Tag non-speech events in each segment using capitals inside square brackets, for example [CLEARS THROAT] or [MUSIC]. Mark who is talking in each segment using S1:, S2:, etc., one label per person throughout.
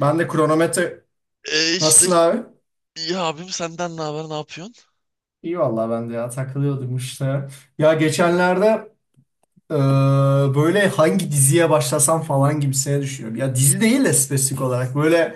S1: Ben de kronometre...
S2: E işte
S1: Nasılsın abi?
S2: ya abim senden ne haber ne yapıyorsun?
S1: İyi vallahi ben de ya takılıyordum işte. Ya geçenlerde e, böyle hangi diziye başlasam falan gibisine düşünüyorum. Ya dizi değil de spesifik olarak böyle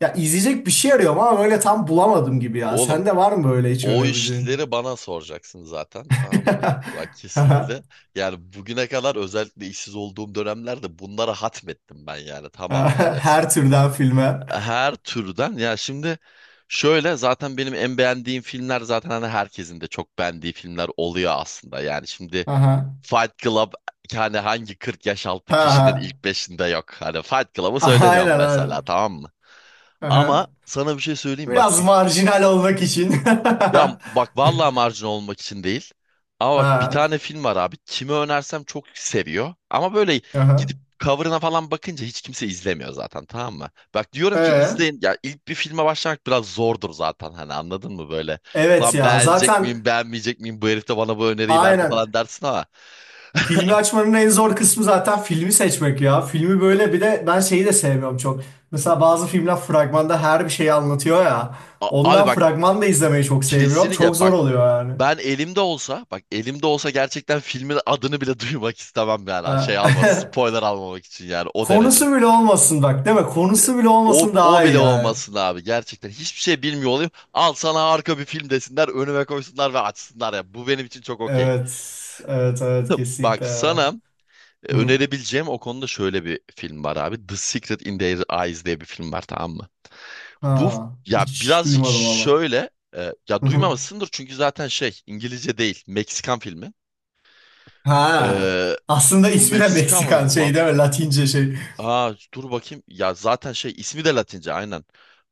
S1: ya izleyecek bir şey arıyorum ama böyle tam bulamadım gibi ya.
S2: Oğlum
S1: Sende var mı böyle hiç
S2: o
S1: önerebileceğin?
S2: işleri bana soracaksın zaten tamam mı? Bak
S1: [LAUGHS]
S2: kesinlikle. Yani bugüne kadar özellikle işsiz olduğum dönemlerde bunlara hatmettim ben yani tamamına resmen.
S1: Her türden filme.
S2: Her türden ya şimdi şöyle zaten benim en beğendiğim filmler zaten hani herkesin de çok beğendiği filmler oluyor aslında. Yani şimdi
S1: Aha.
S2: Fight Club hani hangi 40 yaş altı kişinin
S1: Aha.
S2: ilk beşinde yok. Hani Fight Club'ı
S1: Aynen
S2: söylemiyorum mesela
S1: aynen.
S2: tamam mı? Ama
S1: Aha.
S2: sana bir şey söyleyeyim bak.
S1: Biraz marjinal olmak için. [LAUGHS]
S2: Ya bak vallahi marjinal olmak için değil. Ama bak bir
S1: Ha.
S2: tane film var abi. Kime önersem çok seviyor. Ama böyle
S1: Aha.
S2: gidip cover'ına falan bakınca hiç kimse izlemiyor zaten tamam mı? Bak diyorum ki
S1: Ee?
S2: izleyin. Ya ilk bir filme başlamak biraz zordur zaten hani anladın mı böyle?
S1: Evet
S2: Lan
S1: ya
S2: beğenecek
S1: zaten
S2: miyim beğenmeyecek miyim bu herif de bana bu öneriyi verdi falan
S1: aynen
S2: dersin ama.
S1: filmi açmanın en zor kısmı zaten filmi seçmek ya. Filmi böyle bir de ben şeyi de sevmiyorum çok. Mesela bazı filmler fragmanda her bir şeyi anlatıyor ya.
S2: Abi
S1: Ondan
S2: bak.
S1: fragman da izlemeyi çok sevmiyorum. Çok
S2: Kesinlikle bak
S1: zor oluyor yani.
S2: ben elimde olsa bak elimde olsa gerçekten filmin adını bile [LAUGHS] duymak istemem yani şey alma
S1: Ee,
S2: spoiler almamak için yani
S1: [LAUGHS]
S2: o derece.
S1: Konusu bile olmasın bak değil mi? Konusu bile
S2: O,
S1: olmasın
S2: o
S1: daha iyi
S2: bile
S1: yani.
S2: olmasın abi gerçekten hiçbir şey bilmiyor olayım al sana harika bir film desinler önüme koysunlar ve açsınlar ya bu benim için çok okey.
S1: Evet. Evet evet
S2: [LAUGHS] Bak
S1: kesinlikle ya.
S2: sana
S1: Hı.
S2: önerebileceğim o konuda şöyle bir film var abi. The Secret in Their Eyes diye bir film var tamam mı? Bu
S1: Ha,
S2: ya
S1: hiç
S2: birazcık
S1: duymadım valla.
S2: şöyle ya
S1: Hı hı.
S2: duymamışsındır çünkü zaten şey İngilizce değil Meksikan filmi.
S1: Ha.
S2: Ee,
S1: Aslında ismi de
S2: Meksika
S1: Meksikan
S2: mıydı
S1: şey
S2: lan?
S1: değil mi? Latince şey.
S2: Aa dur bakayım. Ya zaten şey ismi de Latince aynen.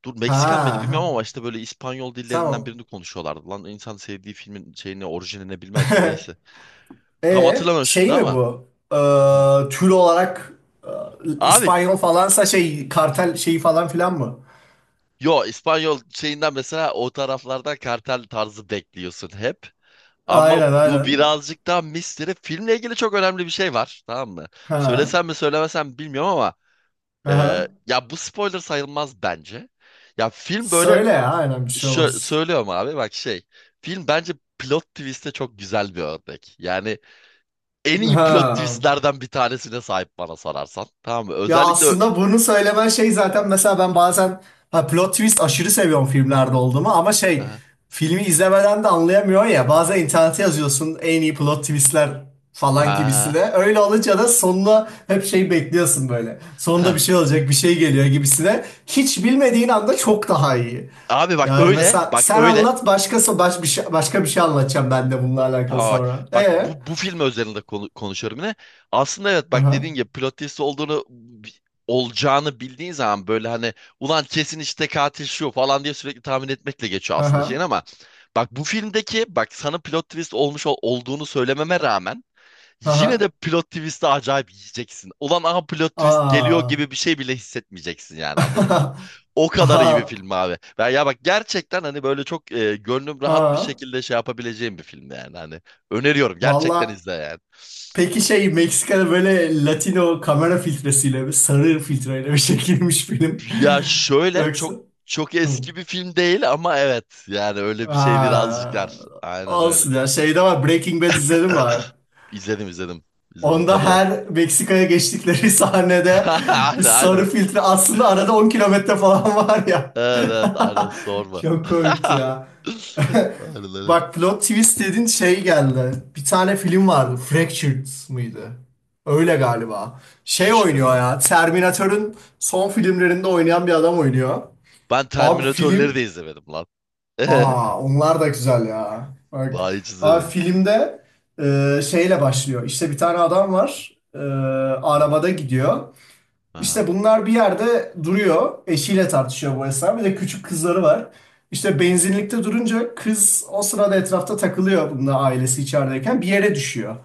S2: Dur
S1: Ha,
S2: Meksikan mıydı
S1: ha.
S2: bilmiyorum ama işte böyle İspanyol dillerinden
S1: Tamam.
S2: birini konuşuyorlardı. Lan insan sevdiği filmin şeyini orijinini bilmez mi?
S1: [LAUGHS]
S2: Neyse. Tam
S1: E
S2: hatırlamıyorum şimdi
S1: şey mi
S2: ama.
S1: bu?
S2: Hı.
S1: Tür olarak
S2: Abi
S1: İspanyol falansa şey kartel şeyi falan filan mı?
S2: yo İspanyol şeyinden mesela o taraflarda kartel tarzı bekliyorsun hep. Ama
S1: Aynen
S2: bu
S1: aynen.
S2: birazcık daha misteri. Filmle ilgili çok önemli bir şey var. Tamam mı?
S1: Ha.
S2: Söylesem mi söylemesem mi bilmiyorum ama
S1: Aha.
S2: ya bu spoiler sayılmaz bence. Ya film böyle
S1: Söyle ya aynen bir şey olmaz.
S2: söylüyorum abi bak şey. Film bence plot twist'e çok güzel bir örnek. Yani en iyi plot
S1: Ha.
S2: twist'lerden bir tanesine sahip bana sorarsan. Tamam mı?
S1: Ya
S2: Özellikle
S1: aslında bunu söylemen şey zaten mesela ben bazen ha, plot twist aşırı seviyorum filmlerde olduğumu ama şey
S2: ha
S1: filmi izlemeden de anlayamıyor ya bazen internete yazıyorsun en iyi plot twistler falan
S2: ha
S1: gibisine öyle olunca da sonuna hep şey bekliyorsun böyle sonunda bir
S2: ha.
S1: şey olacak bir şey geliyor gibisine hiç bilmediğin anda çok daha iyi
S2: Abi bak
S1: yani
S2: öyle,
S1: mesela
S2: bak
S1: sen
S2: öyle.
S1: anlat başkası baş bir şey, başka bir şey anlatacağım ben de bununla alakalı
S2: Tamam bak.
S1: sonra
S2: Bak bu film özelinde konuşuyorum yine. Aslında evet bak
S1: aha
S2: dediğin gibi plot twist olduğunu olacağını bildiğin zaman böyle hani ulan kesin işte katil şu falan diye sürekli tahmin etmekle geçiyor aslında şeyin
S1: aha
S2: ama bak bu filmdeki bak sana plot twist olmuş olduğunu söylememe rağmen yine de
S1: aha
S2: plot twist'i acayip yiyeceksin. Ulan aha plot
S1: aha
S2: twist geliyor gibi bir
S1: aa
S2: şey bile hissetmeyeceksin yani anladın
S1: [LAUGHS]
S2: o kadar iyi bir
S1: Aha.
S2: film abi. Ben ya bak gerçekten hani böyle çok gönlüm rahat bir
S1: Ha,
S2: şekilde şey yapabileceğim bir film yani hani öneriyorum gerçekten
S1: valla
S2: izle yani.
S1: peki şey Meksika'da böyle Latino kamera filtresiyle bir sarı filtreyle bir çekilmiş film.
S2: Ya
S1: [LAUGHS]
S2: şöyle
S1: Yoksa.
S2: çok çok
S1: Hı.
S2: eski bir film değil ama evet yani öyle bir şey birazcık
S1: Ha,
S2: var. Aynen öyle.
S1: olsun ya şeyde var Breaking Bad izledim var.
S2: [CLEARS THROAT] İzledim izledim. İzledim tabii
S1: Onda
S2: lan.
S1: her Meksika'ya geçtikleri [LAUGHS] sahnede
S2: [LAUGHS] Aynen
S1: bir
S2: aynen.
S1: sarı filtre aslında arada 10 kilometre falan var ya.
S2: Evet evet aynen
S1: [LAUGHS]
S2: sorma.
S1: Çok
S2: [LAUGHS]
S1: komikti ya. [LAUGHS]
S2: Aynen aynen.
S1: Bak plot twist dedin şey geldi. Bir tane film vardı. Fractured mıydı? Öyle galiba. Şey
S2: Hiç
S1: oynuyor
S2: duymam.
S1: ya. Terminator'ın son filmlerinde oynayan bir adam oynuyor.
S2: Ben
S1: Abi film.
S2: Terminatörleri de izlemedim lan. [LAUGHS]
S1: Aa onlar da güzel ya. Bak.
S2: Vay hiç
S1: Abi
S2: izlemedim.
S1: filmde şeyle başlıyor. İşte bir tane adam var.
S2: Hı,
S1: Arabada gidiyor.
S2: aha,
S1: İşte bunlar bir yerde duruyor. Eşiyle tartışıyor bu esnada. Bir de küçük kızları var. İşte benzinlikte durunca kız o sırada etrafta takılıyor bununla ailesi içerideyken bir yere düşüyor.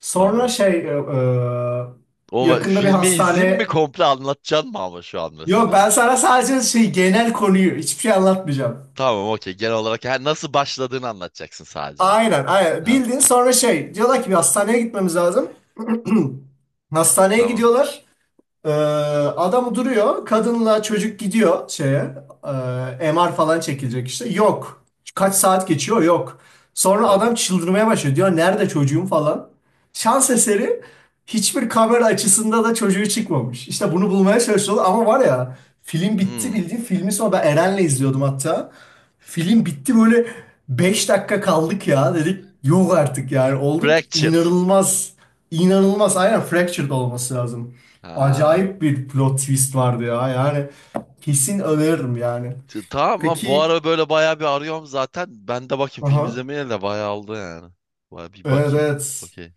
S1: Sonra
S2: tamam.
S1: şey
S2: O
S1: yakında bir
S2: filmi izleyeyim mi
S1: hastane
S2: komple anlatacaksın mı ama şu an
S1: yok
S2: mesela?
S1: ben sana sadece şey genel konuyu hiçbir şey anlatmayacağım.
S2: Tamam okey genel olarak ha, nasıl başladığını anlatacaksın sadece.
S1: Aynen aynen
S2: Ha
S1: bildin sonra şey diyorlar ki bir hastaneye gitmemiz lazım. [CLEARS THROAT] Hastaneye
S2: tamam.
S1: gidiyorlar. Ee, Adam duruyor. Kadınla çocuk gidiyor şeye. E, MR falan çekilecek işte. Yok. Kaç saat geçiyor? Yok. Sonra
S2: Dön.
S1: adam çıldırmaya başlıyor. Diyor nerede çocuğum falan. Şans eseri hiçbir kamera açısında da çocuğu çıkmamış. İşte bunu bulmaya çalışıyorlar ama var ya film bitti
S2: Hmm.
S1: bildiğin filmi sonra ben Eren'le izliyordum hatta. Film bitti böyle 5 dakika kaldık ya dedik. Yok artık yani olduk
S2: Fractured.
S1: inanılmaz. İnanılmaz aynen fractured olması lazım.
S2: Ha.
S1: Acayip bir plot twist vardı ya. Yani kesin öneririm yani.
S2: Tamam lan bu
S1: Peki,
S2: ara böyle bayağı bir arıyorum zaten. Ben de bakayım film
S1: aha,
S2: izlemeye de bayağı oldu yani. Bayağı bir
S1: evet
S2: bakayım.
S1: evet.
S2: Okey.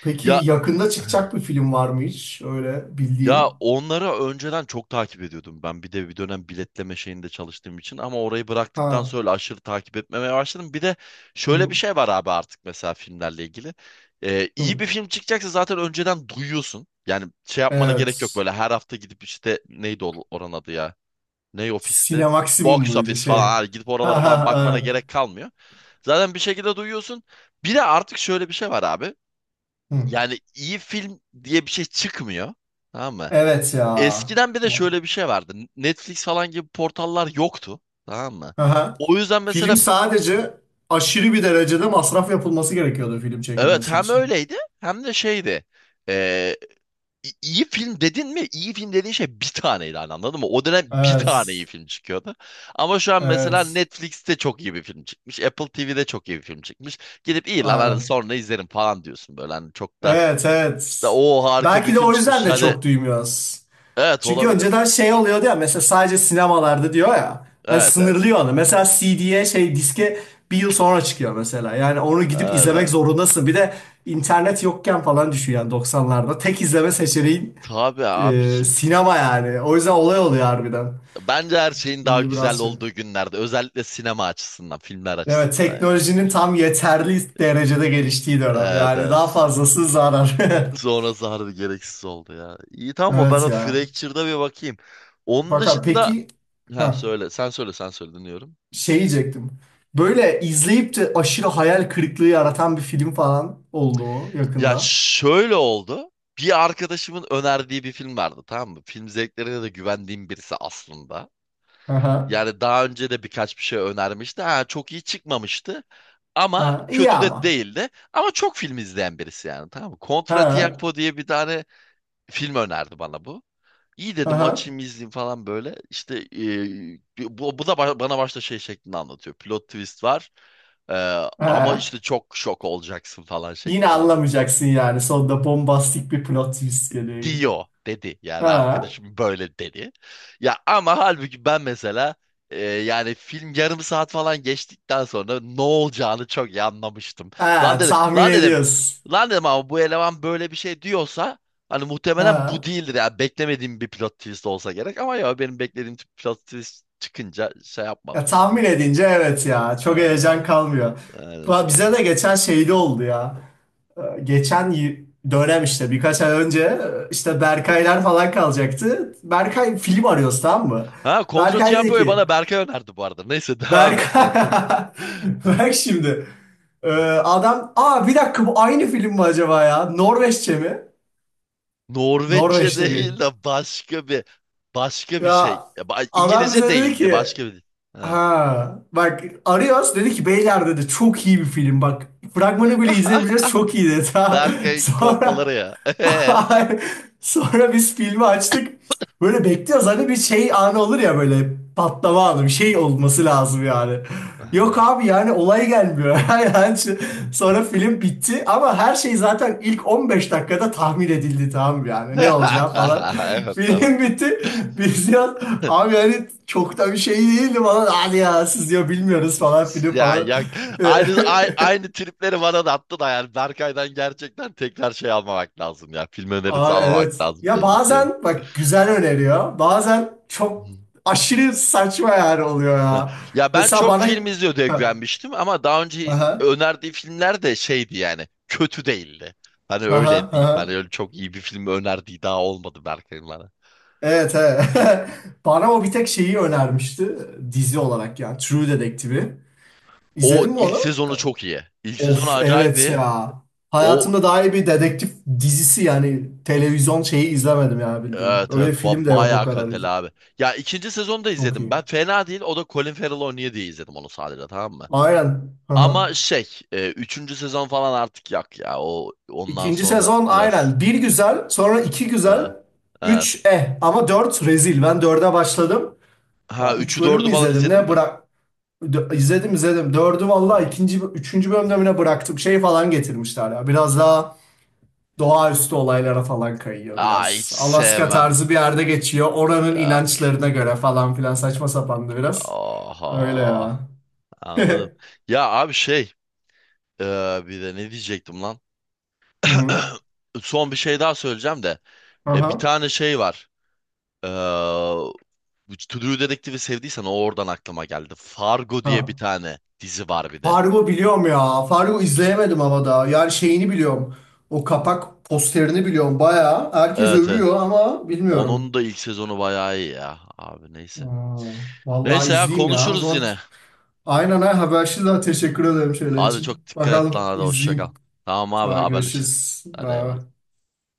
S1: Peki
S2: Ya
S1: yakında
S2: [LAUGHS]
S1: çıkacak bir film var mı hiç? Öyle
S2: ya
S1: bildiğin.
S2: onları önceden çok takip ediyordum ben. Bir de bir dönem biletleme şeyinde çalıştığım için ama orayı bıraktıktan
S1: Ha.
S2: sonra aşırı takip etmemeye başladım. Bir de şöyle bir
S1: Hı,
S2: şey var abi artık mesela filmlerle ilgili. İyi
S1: hı.
S2: bir film çıkacaksa zaten önceden duyuyorsun. Yani şey yapmana gerek yok
S1: Evet.
S2: böyle her hafta gidip işte neydi oranın adı ya? Ney ofisti?
S1: Sinemaksimum
S2: Box
S1: muydu
S2: office falan
S1: şey?
S2: hani gidip oralara
S1: Ha ha
S2: falan bakmana
S1: ha.
S2: gerek kalmıyor. Zaten bir şekilde duyuyorsun. Bir de artık şöyle bir şey var abi.
S1: Hı.
S2: Yani iyi film diye bir şey çıkmıyor. Tamam mı?
S1: Evet ya.
S2: Eskiden bir de şöyle bir şey vardı. Netflix falan gibi portallar yoktu. Tamam mı?
S1: Aha.
S2: O yüzden
S1: Film
S2: mesela
S1: sadece aşırı bir derecede masraf yapılması gerekiyordu film
S2: evet
S1: çekilmesi
S2: hem
S1: için.
S2: öyleydi hem de şeydi. Ee, iyi film dedin mi? İyi film dediğin şey bir taneydi hani anladın mı? O dönem bir tane iyi
S1: Evet.
S2: film çıkıyordu. Ama şu an mesela
S1: Evet.
S2: Netflix'te çok iyi bir film çıkmış. Apple TV'de çok iyi bir film çıkmış. Gidip iyi lan hadi
S1: Aynen.
S2: sonra izlerim falan diyorsun böyle. Hani çok da
S1: Evet
S2: işte
S1: evet.
S2: o harika bir
S1: Belki de
S2: film
S1: o yüzden
S2: çıkmış.
S1: de
S2: Hadi
S1: çok duymuyoruz.
S2: evet
S1: Çünkü önceden
S2: olabilir.
S1: şey oluyordu ya mesela sadece sinemalarda diyor ya. Hani
S2: Evet evet.
S1: sınırlıyor onu. Mesela CD'ye şey diske bir yıl sonra çıkıyor mesela. Yani onu gidip
S2: Evet
S1: izlemek
S2: evet.
S1: zorundasın. Bir de internet yokken falan düşüyor yani 90'larda. Tek izleme seçeneğin
S2: Tabii abicim.
S1: sinema yani. O yüzden olay oluyor harbiden.
S2: Bence her şeyin daha
S1: Şimdi
S2: güzel
S1: biraz şey.
S2: olduğu günlerde. Özellikle sinema açısından, filmler
S1: Evet
S2: açısından ya.
S1: teknolojinin tam yeterli derecede geliştiği dönem.
S2: Evet,
S1: Yani daha
S2: evet.
S1: fazlası zarar. [LAUGHS]
S2: Sonrası harbi gereksiz oldu ya. İyi tamam mı? Ben
S1: Evet
S2: o
S1: ya.
S2: Fractured'a bir bakayım. Onun
S1: Fakat
S2: dışında...
S1: peki
S2: Ha
S1: ha,
S2: söyle, sen söyle, sen söyle dinliyorum.
S1: şey diyecektim. Böyle izleyip de aşırı hayal kırıklığı yaratan bir film falan oldu mu
S2: Ya
S1: yakında?
S2: şöyle oldu. Bir arkadaşımın önerdiği bir film vardı tamam mı? Film zevklerine de güvendiğim birisi aslında.
S1: Aha,
S2: Yani daha önce de birkaç bir şey önermişti. Ha, çok iyi çıkmamıştı. Ama
S1: aha, iyi
S2: kötü
S1: ama.
S2: de değildi. Ama çok film izleyen birisi yani tamam mı? Contra
S1: Ha,
S2: Tiempo diye bir tane film önerdi bana bu. İyi dedim
S1: aha,
S2: açayım izleyeyim falan böyle. İşte bu da bana başta şey şeklinde anlatıyor. Plot twist var. E, ama
S1: ha.
S2: işte çok şok olacaksın falan
S1: Yine
S2: şeklinde anlatıyor,
S1: anlamayacaksın yani. Sonunda bombastik bir plot twist geliyor.
S2: diyor dedi. Yani
S1: Ha,
S2: arkadaşım böyle dedi. Ya ama halbuki ben mesela yani film yarım saat falan geçtikten sonra ne olacağını çok iyi anlamıştım. Lan
S1: ha,
S2: dedim,
S1: tahmin
S2: lan dedim,
S1: ediyorsun.
S2: lan dedim ama bu eleman böyle bir şey diyorsa hani muhtemelen bu
S1: Ha.
S2: değildir ya. Beklemediğim bir plot twist olsa gerek ama ya benim beklediğim tip plot twist çıkınca şey
S1: Ya,
S2: yapmadım yani.
S1: tahmin edince evet ya. Çok heyecan
S2: Evet,
S1: kalmıyor.
S2: öyle
S1: Va- Bize
S2: sonra.
S1: de geçen şeyde oldu ya. Geçen y- dönem işte birkaç ay önce işte
S2: Hı.
S1: Berkaylar falan kalacaktı. Berkay film arıyoruz tamam mı?
S2: Ha Contra
S1: Berkay dedi
S2: Tiempo'yu
S1: ki
S2: bana Berkay önerdi bu arada. Neyse devam et.
S1: Berkay
S2: Evet.
S1: [LAUGHS] bak
S2: [LAUGHS]
S1: şimdi Ee, adam aa bir dakika bu aynı film mi acaba ya? Norveççe mi?
S2: Norveççe
S1: Norveç'te
S2: değil
S1: gay.
S2: de başka bir şey.
S1: Ya
S2: Ya,
S1: adam
S2: İngilizce
S1: bize dedi
S2: değildi
S1: ki
S2: başka bir. Ha.
S1: Ha bak Arias dedi ki beyler dedi çok iyi bir film bak fragmanı bile izlemeyeceğiz
S2: [LAUGHS]
S1: çok iyi dedi ha. [LAUGHS]
S2: Berkay'ın kolpaları
S1: Sonra
S2: ya. [LAUGHS]
S1: [LAUGHS] sonra biz filmi açtık böyle bekliyoruz hani bir şey anı olur ya böyle patlama anı bir şey olması lazım yani. Yok
S2: Aha.
S1: abi yani olay gelmiyor. [LAUGHS] Yani şu- sonra film bitti ama her şey zaten ilk 15 dakikada tahmin edildi tamam mı yani ne olacağı falan.
S2: [LAUGHS]
S1: [LAUGHS]
S2: Evet tamam.
S1: Film bitti.
S2: [LAUGHS]
S1: Biz ya abi yani çok da bir şey değildi falan. Hadi ya siz diyor bilmiyoruz falan film
S2: Ya,
S1: falan.
S2: ya
S1: [LAUGHS]
S2: aynı tripleri bana da attı da yani Berkay'dan gerçekten tekrar şey almamak lazım ya. Film önerisi
S1: Aa,
S2: almamak
S1: evet.
S2: lazım
S1: Ya
S2: belli ki.
S1: bazen bak güzel öneriyor. Bazen çok aşırı saçma yani oluyor
S2: [LAUGHS] Ha.
S1: ya.
S2: Ya ben
S1: Mesela
S2: çok
S1: bana
S2: film izliyordu
S1: Ha,
S2: eklenmiştim ama daha önce
S1: aha,
S2: önerdiği filmler de şeydi yani kötü değildi. Hani
S1: aha,
S2: öyle diyeyim. Hani
S1: aha.
S2: öyle çok iyi bir film önerdiği daha olmadı Berkay'ın bana.
S1: Evet, evet. [LAUGHS] Bana o bir tek şeyi önermişti dizi olarak ya. True Detective'i.
S2: O
S1: İzledin mi
S2: ilk
S1: onu?
S2: sezonu çok iyi. İlk sezonu
S1: Of
S2: acayip
S1: evet
S2: iyi.
S1: ya.
S2: O
S1: Hayatımda daha iyi bir dedektif dizisi yani televizyon şeyi izlemedim ya bildiğin.
S2: evet
S1: Öyle
S2: evet
S1: film de yok o
S2: bayağı
S1: kadar.
S2: kaliteli abi. Ya ikinci sezonu da
S1: Çok
S2: izledim
S1: iyi.
S2: ben. Fena değil. O da Colin Farrell oynuyor diye izledim onu sadece tamam mı?
S1: Aynen. Aha.
S2: Ama şey üçüncü sezon falan artık yak ya. O ondan
S1: İkinci
S2: sonra
S1: sezon
S2: biraz
S1: aynen. Bir güzel, sonra iki güzel,
S2: ha, evet.
S1: üç eh ama dört rezil. Ben dörde başladım.
S2: Ha
S1: Va- Üç
S2: üçü
S1: bölüm
S2: dördü
S1: mü
S2: falan
S1: izledim
S2: izledin
S1: ne?
S2: mi?
S1: Bırak Dö- izledim izledim. Dördü valla
S2: Hı.
S1: ikinci, üçüncü bölümde mi ne bıraktım. Şey falan getirmişler ya. Biraz daha doğaüstü olaylara falan kayıyor
S2: Aa hiç
S1: biraz. Alaska
S2: sevmem.
S1: tarzı bir yerde geçiyor. Oranın
S2: Yok.
S1: inançlarına göre falan filan saçma sapandı biraz. Öyle ya.
S2: Oha. Anladım.
S1: [LAUGHS]
S2: Ya abi şey e, bir de ne diyecektim lan?
S1: Hı hı.
S2: [CLEARS THROAT] Son bir şey daha söyleyeceğim de. Bir
S1: Aha.
S2: tane şey var. E, bu To Do Detective'i sevdiysen o oradan aklıma geldi. Fargo diye bir
S1: Ha.
S2: tane dizi var bir de.
S1: Fargo biliyorum ya. Fargo izleyemedim ama daha. Yani şeyini biliyorum. O kapak posterini biliyorum. Bayağı herkes
S2: Evet evet.
S1: övüyor ama bilmiyorum.
S2: Onun da ilk sezonu bayağı iyi ya. Abi neyse.
S1: Aa, vallahi
S2: Neyse ya
S1: izleyeyim ya. O
S2: konuşuruz
S1: zaman
S2: yine.
S1: aynen ha habersiz daha teşekkür ederim şöyle
S2: Hadi
S1: için.
S2: çok dikkat et lan
S1: Bakalım
S2: hadi hoşça kal.
S1: izleyeyim.
S2: Tamam abi
S1: Daha
S2: haberleşiriz.
S1: görüşürüz.
S2: Hadi eyvallah.
S1: Bye.